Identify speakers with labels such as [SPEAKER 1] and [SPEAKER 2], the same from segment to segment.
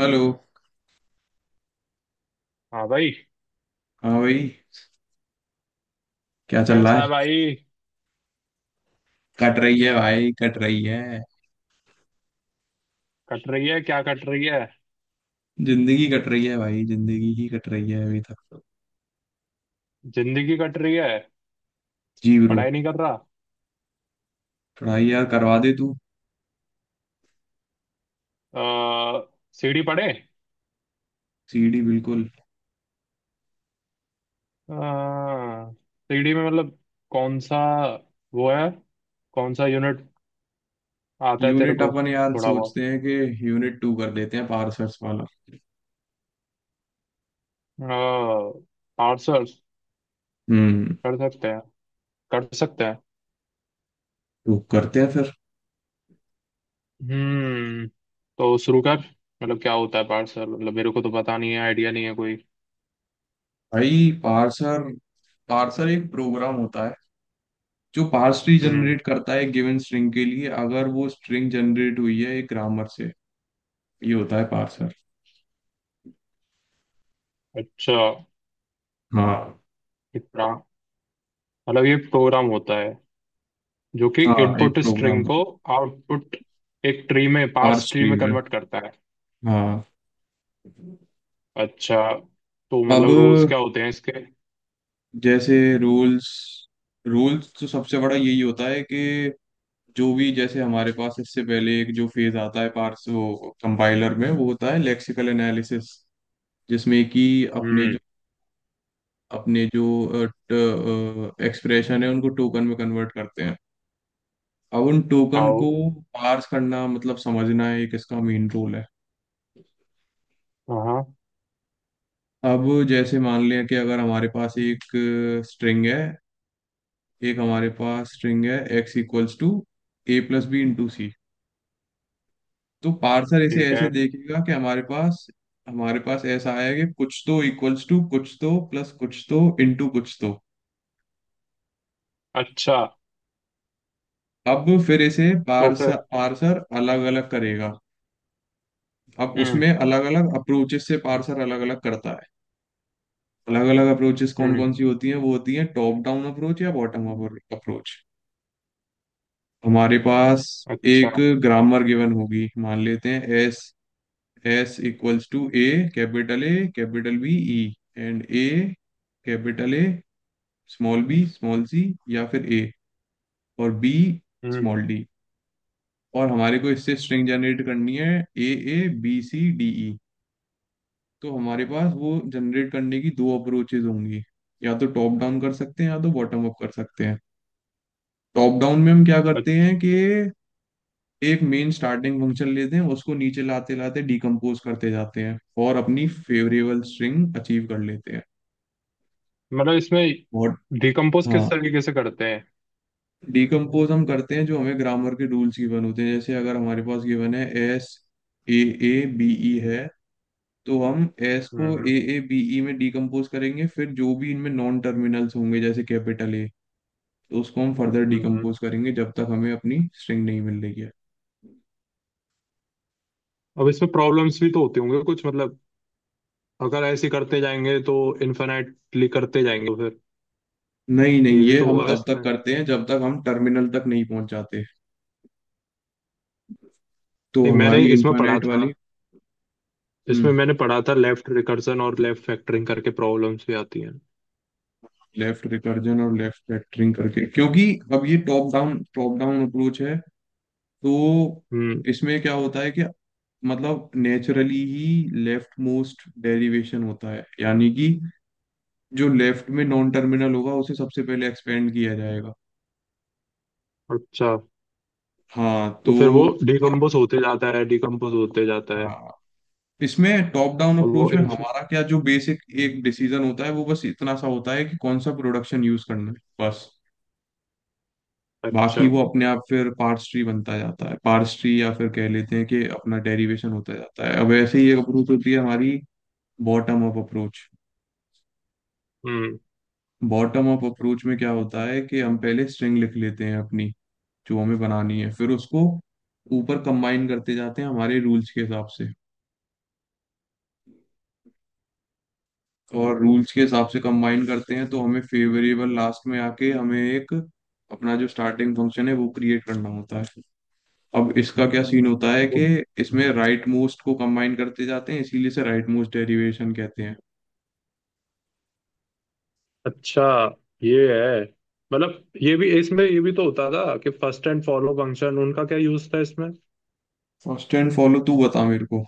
[SPEAKER 1] Hello.
[SPEAKER 2] हाँ भाई।
[SPEAKER 1] हाँ भाई, क्या चल रहा
[SPEAKER 2] कैसा
[SPEAKER 1] है?
[SPEAKER 2] है भाई।
[SPEAKER 1] कट रही है भाई, कट रही है।
[SPEAKER 2] कट रही है क्या कट रही है।
[SPEAKER 1] जिंदगी कट रही है भाई, जिंदगी ही कट रही है अभी तक तो।
[SPEAKER 2] जिंदगी कट रही है।
[SPEAKER 1] जी ब्रो।
[SPEAKER 2] पढ़ाई नहीं कर रहा।
[SPEAKER 1] पढ़ाई यार करवा दे तू।
[SPEAKER 2] आ, सीढ़ी पढ़े।
[SPEAKER 1] सीडी बिल्कुल।
[SPEAKER 2] आ, सीढ़ी में मतलब कौन सा वो है, कौन सा यूनिट आता है तेरे
[SPEAKER 1] यूनिट
[SPEAKER 2] को?
[SPEAKER 1] अपन यार
[SPEAKER 2] थोड़ा बहुत।
[SPEAKER 1] सोचते हैं कि यूनिट टू कर देते हैं, पार्सर्स वाला।
[SPEAKER 2] आर्ट्स
[SPEAKER 1] हम्म।
[SPEAKER 2] कर सकते हैं कर सकते हैं।
[SPEAKER 1] तो करते हैं फिर।
[SPEAKER 2] हम्म। तो शुरू कर। मतलब क्या होता है पार्सल, मतलब मेरे को तो पता नहीं है, आइडिया नहीं है कोई।
[SPEAKER 1] भाई पार्सर, पार्सर एक प्रोग्राम होता है जो पार्स ट्री
[SPEAKER 2] हम्म।
[SPEAKER 1] जनरेट करता है गिवन स्ट्रिंग के लिए, अगर वो स्ट्रिंग जनरेट हुई है एक ग्रामर से। ये होता है पार्सर।
[SPEAKER 2] अच्छा।
[SPEAKER 1] हाँ।
[SPEAKER 2] इतना मतलब ये प्रोग्राम होता है, जो कि
[SPEAKER 1] हाँ, एक
[SPEAKER 2] इनपुट स्ट्रिंग
[SPEAKER 1] प्रोग्राम।
[SPEAKER 2] को आउटपुट, एक ट्री में
[SPEAKER 1] आर
[SPEAKER 2] पार्स ट्री में
[SPEAKER 1] स्ट्रीम है।
[SPEAKER 2] कन्वर्ट करता है।
[SPEAKER 1] हाँ।
[SPEAKER 2] अच्छा। तो
[SPEAKER 1] अब
[SPEAKER 2] मतलब रूल्स क्या होते हैं इसके?
[SPEAKER 1] जैसे रूल्स, रूल्स तो सबसे बड़ा यही होता है कि जो भी जैसे हमारे पास इससे पहले एक जो फेज आता है पार्स, वो कंपाइलर में वो होता है लेक्सिकल एनालिसिस, जिसमें कि अपने जो
[SPEAKER 2] हम्म।
[SPEAKER 1] अपने जो एक्सप्रेशन है उनको टोकन में कन्वर्ट करते हैं। अब उन टोकन
[SPEAKER 2] आओ।
[SPEAKER 1] को पार्स करना मतलब समझना है, एक इसका मेन रोल है।
[SPEAKER 2] हाँ।
[SPEAKER 1] अब जैसे मान लें कि अगर हमारे पास एक स्ट्रिंग है, एक हमारे पास स्ट्रिंग है, X equals to A plus B into C. तो पार्सर इसे
[SPEAKER 2] ठीक
[SPEAKER 1] ऐसे
[SPEAKER 2] है।
[SPEAKER 1] देखेगा कि हमारे पास ऐसा आया कि कुछ तो इक्वल्स टू, कुछ तो प्लस, कुछ तो इंटू, कुछ तो।
[SPEAKER 2] अच्छा।
[SPEAKER 1] अब फिर इसे
[SPEAKER 2] तो फिर।
[SPEAKER 1] पार्सर, पार्सर अलग अलग करेगा। अब
[SPEAKER 2] हम्म।
[SPEAKER 1] उसमें अलग अलग अप्रोचेस से पार्सर अलग अलग करता है। अलग अलग अप्रोचेस कौन
[SPEAKER 2] हम्म।
[SPEAKER 1] कौन सी होती हैं, वो होती हैं टॉप डाउन अप्रोच या बॉटम अप अप्रोच। हमारे पास
[SPEAKER 2] अच्छा।
[SPEAKER 1] एक ग्रामर गिवन होगी, मान लेते हैं S. S equals to A, capital B, E and A, capital A, small b, small c, या फिर A और B,
[SPEAKER 2] हम्म।
[SPEAKER 1] small d। और हमारे को इससे स्ट्रिंग जनरेट करनी है A A B C D E। तो हमारे पास वो जनरेट करने की दो अप्रोचेज होंगी, या तो टॉप डाउन कर सकते हैं या तो बॉटम अप कर सकते हैं। टॉप डाउन में हम क्या करते
[SPEAKER 2] अच्छा।
[SPEAKER 1] हैं कि एक मेन स्टार्टिंग फंक्शन लेते हैं, उसको नीचे लाते लाते डिकम्पोज करते जाते हैं और अपनी फेवरेबल स्ट्रिंग अचीव कर लेते हैं।
[SPEAKER 2] मतलब इसमें
[SPEAKER 1] मॉड।
[SPEAKER 2] डिकम्पोज किस
[SPEAKER 1] हाँ,
[SPEAKER 2] तरीके से करते हैं?
[SPEAKER 1] डिकम्पोज हम करते हैं जो हमें ग्रामर के रूल्स गिवन होते हैं, जैसे अगर हमारे पास गिवन है S, A A B E है, तो हम एस को
[SPEAKER 2] hmm.
[SPEAKER 1] A A B E में डिकम्पोज करेंगे, फिर जो भी इनमें नॉन टर्मिनल्स होंगे जैसे कैपिटल ए, तो उसको हम फर्दर
[SPEAKER 2] हम्म।
[SPEAKER 1] डिकम्पोज करेंगे जब तक हमें अपनी स्ट्रिंग नहीं मिल रही है।
[SPEAKER 2] अब इसमें प्रॉब्लम्स भी तो होती होंगे कुछ, मतलब अगर ऐसे करते जाएंगे तो इन्फिनाइटली करते जाएंगे तो फिर
[SPEAKER 1] नहीं नहीं,
[SPEAKER 2] ये भी
[SPEAKER 1] ये
[SPEAKER 2] तो
[SPEAKER 1] हम
[SPEAKER 2] होगा
[SPEAKER 1] तब तक
[SPEAKER 2] इसमें।
[SPEAKER 1] करते हैं जब तक हम टर्मिनल तक नहीं पहुंच जाते। तो
[SPEAKER 2] नहीं, मैंने
[SPEAKER 1] हमारी
[SPEAKER 2] इसमें पढ़ा
[SPEAKER 1] इनफाइनाइट
[SPEAKER 2] था,
[SPEAKER 1] वाली।
[SPEAKER 2] इसमें
[SPEAKER 1] हम्म।
[SPEAKER 2] मैंने पढ़ा था लेफ्ट रिकर्सन और लेफ्ट फैक्टरिंग करके प्रॉब्लम्स भी आती हैं।
[SPEAKER 1] लेफ्ट रिकर्जन और लेफ्ट फैक्टरिंग करके, क्योंकि अब ये टॉप डाउन अप्रोच है, तो
[SPEAKER 2] हम्म।
[SPEAKER 1] इसमें क्या होता है कि मतलब नेचुरली ही लेफ्ट मोस्ट डेरिवेशन होता है यानी कि जो लेफ्ट में नॉन टर्मिनल होगा उसे सबसे पहले एक्सपेंड किया जाएगा।
[SPEAKER 2] अच्छा।
[SPEAKER 1] हाँ
[SPEAKER 2] तो
[SPEAKER 1] तो।
[SPEAKER 2] फिर वो डिकम्पोज होते जाता है डिकम्पोज होते जाता है।
[SPEAKER 1] हाँ, इसमें टॉप डाउन
[SPEAKER 2] और वो
[SPEAKER 1] अप्रोच में
[SPEAKER 2] inf-
[SPEAKER 1] हमारा क्या जो बेसिक एक डिसीजन होता है, वो बस इतना सा होता है कि कौन सा प्रोडक्शन यूज करना है, बस। बाकी
[SPEAKER 2] अच्छा।
[SPEAKER 1] वो अपने आप फिर पार्स ट्री बनता जाता है, पार्स ट्री, या फिर कह लेते हैं कि अपना डेरिवेशन होता जाता है। अब ऐसे ही एक अप्रोच होती है हमारी, bottom up approach.
[SPEAKER 2] Hmm.
[SPEAKER 1] Bottom up approach में क्या होता है कि हम पहले स्ट्रिंग लिख लेते हैं अपनी, जो हमें बनानी है, फिर उसको ऊपर कंबाइन करते जाते हैं हमारे रूल्स के हिसाब से। और रूल्स के हिसाब से कंबाइन करते हैं तो हमें फेवरेबल लास्ट में आके हमें एक अपना जो स्टार्टिंग फंक्शन है वो क्रिएट करना होता है। अब इसका क्या सीन होता है
[SPEAKER 2] वो।
[SPEAKER 1] कि इसमें राइट मोस्ट को कंबाइन करते जाते हैं, इसीलिए से राइट मोस्ट डेरिवेशन कहते हैं।
[SPEAKER 2] अच्छा। ये है, मतलब ये भी इसमें ये भी तो होता था कि फर्स्ट एंड फॉलो फंक्शन, उनका क्या यूज था इसमें?
[SPEAKER 1] फर्स्ट एंड फॉलो तू बता मेरे को।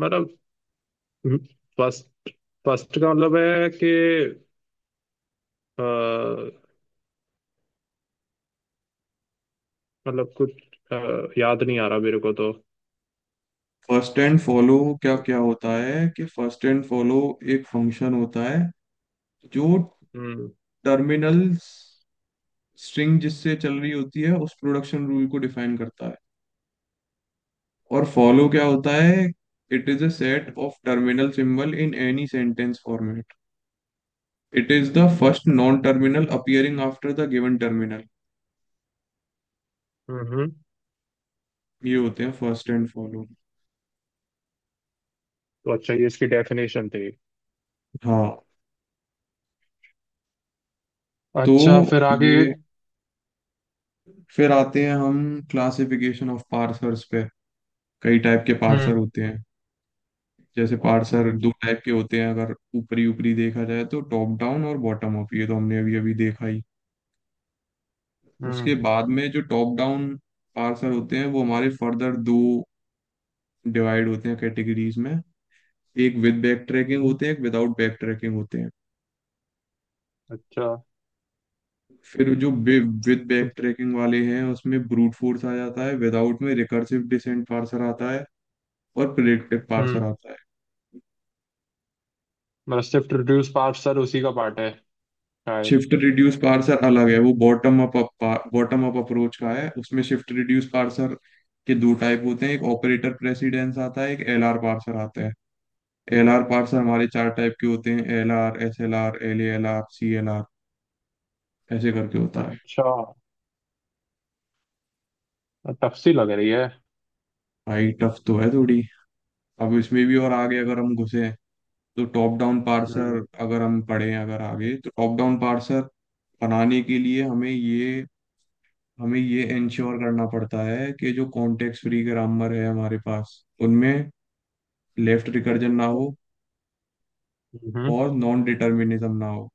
[SPEAKER 2] मतलब फर्स्ट फर्स्ट का मतलब है कि अ, मतलब कुछ। अ, याद नहीं आ रहा मेरे को तो।
[SPEAKER 1] फर्स्ट एंड फॉलो क्या क्या होता है कि फर्स्ट एंड फॉलो एक फंक्शन होता है जो
[SPEAKER 2] हम्म।
[SPEAKER 1] टर्मिनल स्ट्रिंग जिससे चल रही होती है उस प्रोडक्शन रूल को डिफाइन करता है। और फॉलो क्या होता है? It is a set of terminal symbol in any sentence format. It is the first non terminal appearing after the given terminal.
[SPEAKER 2] Hmm. Hmm.
[SPEAKER 1] ये होते हैं फर्स्ट एंड फॉलो।
[SPEAKER 2] तो अच्छा ये इसकी डेफिनेशन थी।
[SPEAKER 1] हाँ तो
[SPEAKER 2] अच्छा फिर आगे।
[SPEAKER 1] ये फिर आते हैं हम क्लासिफिकेशन ऑफ पार्सर्स पे। कई टाइप के पार्सर
[SPEAKER 2] हम्म।
[SPEAKER 1] होते हैं, जैसे पार्सर
[SPEAKER 2] हम्म।
[SPEAKER 1] दो टाइप के होते हैं अगर ऊपरी ऊपरी देखा जाए तो, टॉप डाउन और बॉटम अप, ये तो हमने अभी अभी देखा ही। उसके
[SPEAKER 2] हम्म।
[SPEAKER 1] बाद में जो टॉप डाउन पार्सर होते हैं वो हमारे फर्दर दो डिवाइड होते हैं कैटेगरीज में, एक विद बैक ट्रैकिंग
[SPEAKER 2] हम्म।
[SPEAKER 1] होते हैं, एक विदाउट बैक ट्रैकिंग होते हैं।
[SPEAKER 2] अच्छा।
[SPEAKER 1] फिर जो विद
[SPEAKER 2] तो।
[SPEAKER 1] बैक ट्रैकिंग वाले हैं उसमें ब्रूट फोर्स आ जाता है, विदाउट में रिकर्सिव डिसेंट पार्सर आता है और प्रिडिक्टिव पार्सर
[SPEAKER 2] हम्म।
[SPEAKER 1] आता है।
[SPEAKER 2] रेसिप्ट रिड्यूस पार्ट सर उसी का पार्ट है शायद।
[SPEAKER 1] शिफ्ट रिड्यूस पार्सर अलग है, वो bottom up, bottom up approach का है। उसमें शिफ्ट रिड्यूस पार्सर के दो टाइप होते हैं, एक ऑपरेटर प्रेसिडेंस आता है, एक एलआर पार्सर आता है। एलआर पार्सर हमारे चार टाइप के होते हैं, एलआर एसएलआर एलएलआर सीएलआर, ऐसे करके होता है।
[SPEAKER 2] अच्छा। टफ सी लग रही है।
[SPEAKER 1] भाई टफ तो है थोड़ी। अब इसमें भी और आगे अगर हम घुसे, तो टॉप डाउन
[SPEAKER 2] हम्म।
[SPEAKER 1] पार्सर अगर हम पढ़ें अगर आगे, तो टॉप डाउन पार्सर बनाने के लिए हमें ये इंश्योर करना पड़ता है कि जो कॉन्टेक्स्ट फ्री ग्रामर है हमारे पास, उनमें लेफ्ट रिकर्जन ना हो
[SPEAKER 2] हम्म।
[SPEAKER 1] और नॉन डिटर्मिनिज्म ना हो।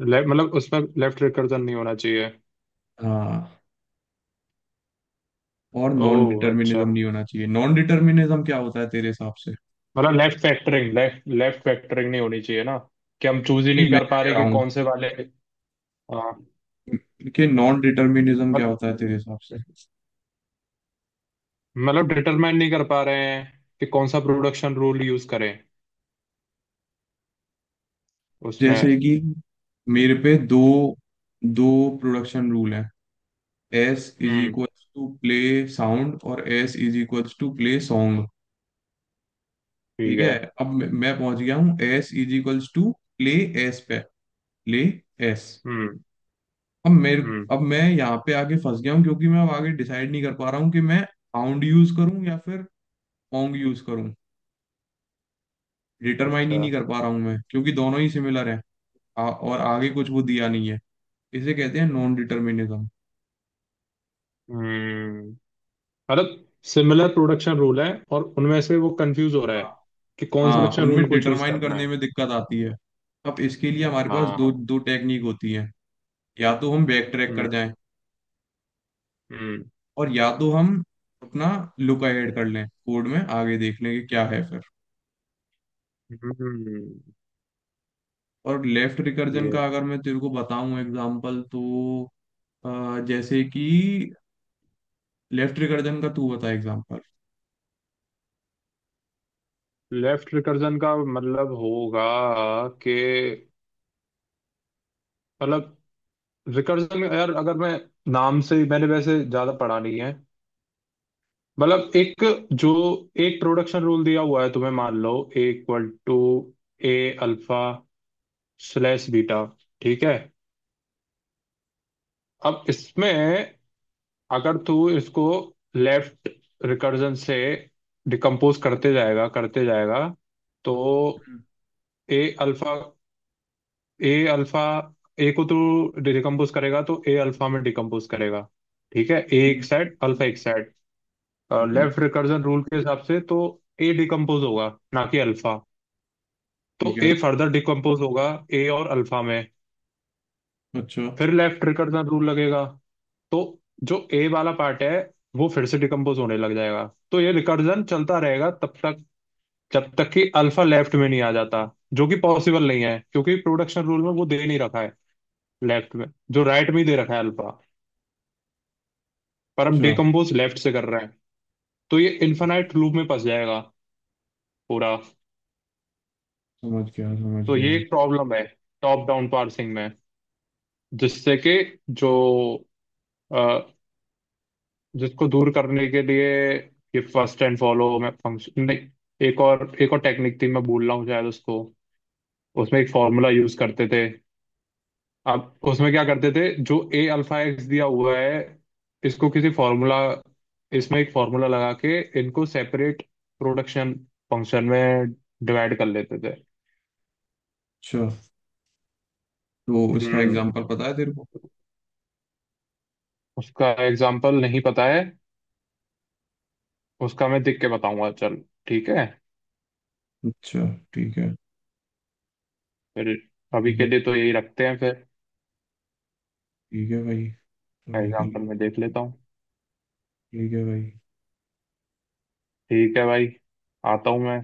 [SPEAKER 2] मतलब उसमें लेफ्ट रिकर्जन नहीं होना चाहिए।
[SPEAKER 1] हाँ, और नॉन
[SPEAKER 2] ओह अच्छा।
[SPEAKER 1] डिटर्मिनिज्म नहीं होना चाहिए। नॉन डिटर्मिनिज्म क्या होता है तेरे हिसाब से?
[SPEAKER 2] मतलब left factoring left left factoring नहीं होनी चाहिए ना, कि हम चूज ही
[SPEAKER 1] नहीं,
[SPEAKER 2] नहीं
[SPEAKER 1] मैं
[SPEAKER 2] कर
[SPEAKER 1] क्या
[SPEAKER 2] पा
[SPEAKER 1] कह
[SPEAKER 2] रहे
[SPEAKER 1] रहा
[SPEAKER 2] कि
[SPEAKER 1] हूँ
[SPEAKER 2] कौन से वाले। हाँ।
[SPEAKER 1] कि नॉन डिटर्मिनिज्म क्या
[SPEAKER 2] मत-
[SPEAKER 1] होता है तेरे हिसाब से?
[SPEAKER 2] मतलब डिटरमाइन नहीं कर पा रहे हैं कि कौन सा प्रोडक्शन रूल यूज करें उसमें।
[SPEAKER 1] जैसे कि मेरे पे दो दो प्रोडक्शन रूल है, S is
[SPEAKER 2] hmm.
[SPEAKER 1] Equals to play sound और S is equals to play song.
[SPEAKER 2] ठीक
[SPEAKER 1] ठीक है।
[SPEAKER 2] है।
[SPEAKER 1] अब मैं पहुंच गया हूँ एस इज इक्वल्स टू ले, एस पे ले एस।
[SPEAKER 2] हम्म।
[SPEAKER 1] अब मेरे,
[SPEAKER 2] हम्म।
[SPEAKER 1] अब मैं यहाँ पे आगे फंस गया हूँ क्योंकि मैं अब आगे डिसाइड नहीं कर पा रहा हूँ कि मैं पाउंड यूज करूँ या फिर पोंग यूज करूँ। डिटरमाइन ही
[SPEAKER 2] अच्छा।
[SPEAKER 1] नहीं कर पा रहा हूँ मैं, क्योंकि दोनों ही सिमिलर हैं। और आगे कुछ वो दिया नहीं है। इसे कहते हैं नॉन डिटर्मिनिज्म।
[SPEAKER 2] हम्म। मतलब सिमिलर प्रोडक्शन रूल है और उनमें से वो कंफ्यूज हो रहा है कि कौन सा
[SPEAKER 1] हाँ,
[SPEAKER 2] प्रोडक्शन रूल
[SPEAKER 1] उनमें
[SPEAKER 2] को चूज
[SPEAKER 1] डिटरमाइन
[SPEAKER 2] करना
[SPEAKER 1] करने
[SPEAKER 2] है।
[SPEAKER 1] में दिक्कत आती है। अब इसके लिए हमारे पास दो
[SPEAKER 2] हाँ।
[SPEAKER 1] दो टेक्निक होती है, या तो हम बैक ट्रैक कर
[SPEAKER 2] हम्म।
[SPEAKER 1] जाएं,
[SPEAKER 2] हम्म।
[SPEAKER 1] और या तो हम अपना लुक ऐड कर लें कोड में, आगे देख लें कि क्या है फिर।
[SPEAKER 2] हम्म।
[SPEAKER 1] और लेफ्ट रिकर्जन का
[SPEAKER 2] ये।
[SPEAKER 1] अगर मैं तेरे को बताऊं एग्जांपल तो जैसे कि, लेफ्ट रिकर्जन का तू बता एग्जांपल।
[SPEAKER 2] लेफ्ट रिकर्जन का मतलब होगा कि, मतलब रिकर्जन यार, अगर मैं नाम से मैंने वैसे ज्यादा पढ़ा नहीं है। मतलब एक जो एक प्रोडक्शन रूल दिया हुआ है तुम्हें, मान लो A equal to A alpha slash beta. ठीक है। अब इसमें अगर तू इसको लेफ्ट रिकर्जन से डिकम्पोज करते जाएगा करते जाएगा, तो
[SPEAKER 1] हम्म,
[SPEAKER 2] A alpha, A alpha, A को तू डिकम्पोज करेगा तो ए अल्फा में डिकम्पोज करेगा। ठीक है। ए एक
[SPEAKER 1] हम्म,
[SPEAKER 2] साइड, अल्फा
[SPEAKER 1] हम्म।
[SPEAKER 2] एक साइड।
[SPEAKER 1] बिल्कुल
[SPEAKER 2] लेफ्ट रिकर्जन रूल के हिसाब से तो ए डिकम्पोज होगा, ना कि अल्फा। तो
[SPEAKER 1] ठीक है।
[SPEAKER 2] ए फर्दर डिकम्पोज होगा ए और अल्फा में।
[SPEAKER 1] अच्छा।
[SPEAKER 2] फिर लेफ्ट रिकर्जन रूल लगेगा तो जो ए वाला पार्ट है वो फिर से डिकम्पोज होने लग जाएगा। तो ये रिकर्जन चलता रहेगा तब तक जब तक कि अल्फा लेफ्ट में नहीं आ जाता, जो कि पॉसिबल नहीं है क्योंकि प्रोडक्शन रूल में वो दे नहीं रखा है लेफ्ट में, जो राइट में ही दे रखा है अल्फा, पर हम
[SPEAKER 1] अच्छा,
[SPEAKER 2] डिकम्पोज लेफ्ट से कर रहे हैं। तो ये इन्फिनाइट लूप में फंस जाएगा पूरा।
[SPEAKER 1] समझ गया समझ
[SPEAKER 2] तो ये
[SPEAKER 1] गया।
[SPEAKER 2] एक प्रॉब्लम है टॉप डाउन पार्सिंग में, जिससे कि, जो जिसको दूर करने के लिए, ये फर्स्ट एंड फॉलो में फंक्शन नहीं, एक और टेक्निक थी मैं भूल रहा हूँ शायद उसको। उसमें एक फॉर्मूला यूज करते थे। अब उसमें क्या करते थे, जो ए अल्फा एक्स दिया हुआ है, इसको किसी फॉर्मूला, इसमें एक फॉर्मूला लगा के इनको सेपरेट प्रोडक्शन फंक्शन में डिवाइड कर लेते थे।
[SPEAKER 1] अच्छा, तो इसका
[SPEAKER 2] हम्म।
[SPEAKER 1] एग्जांपल पता है तेरे को?
[SPEAKER 2] उसका एग्जाम्पल नहीं पता है। उसका मैं देख के बताऊंगा चल। ठीक है
[SPEAKER 1] अच्छा, ठीक है।
[SPEAKER 2] फिर। अभी
[SPEAKER 1] ठीक
[SPEAKER 2] के
[SPEAKER 1] है।
[SPEAKER 2] लिए तो यही रखते हैं फिर।
[SPEAKER 1] ठीक है भाई, अभी के
[SPEAKER 2] एग्जाम्पल में
[SPEAKER 1] लिए।
[SPEAKER 2] देख लेता हूँ।
[SPEAKER 1] ठीक है भाई,
[SPEAKER 2] ठीक है भाई। आता हूँ मैं,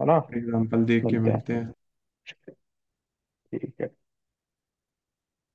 [SPEAKER 2] है ना।
[SPEAKER 1] एग्जांपल देख के
[SPEAKER 2] मिलते
[SPEAKER 1] मिलते
[SPEAKER 2] हैं।
[SPEAKER 1] हैं।
[SPEAKER 2] ठीक है।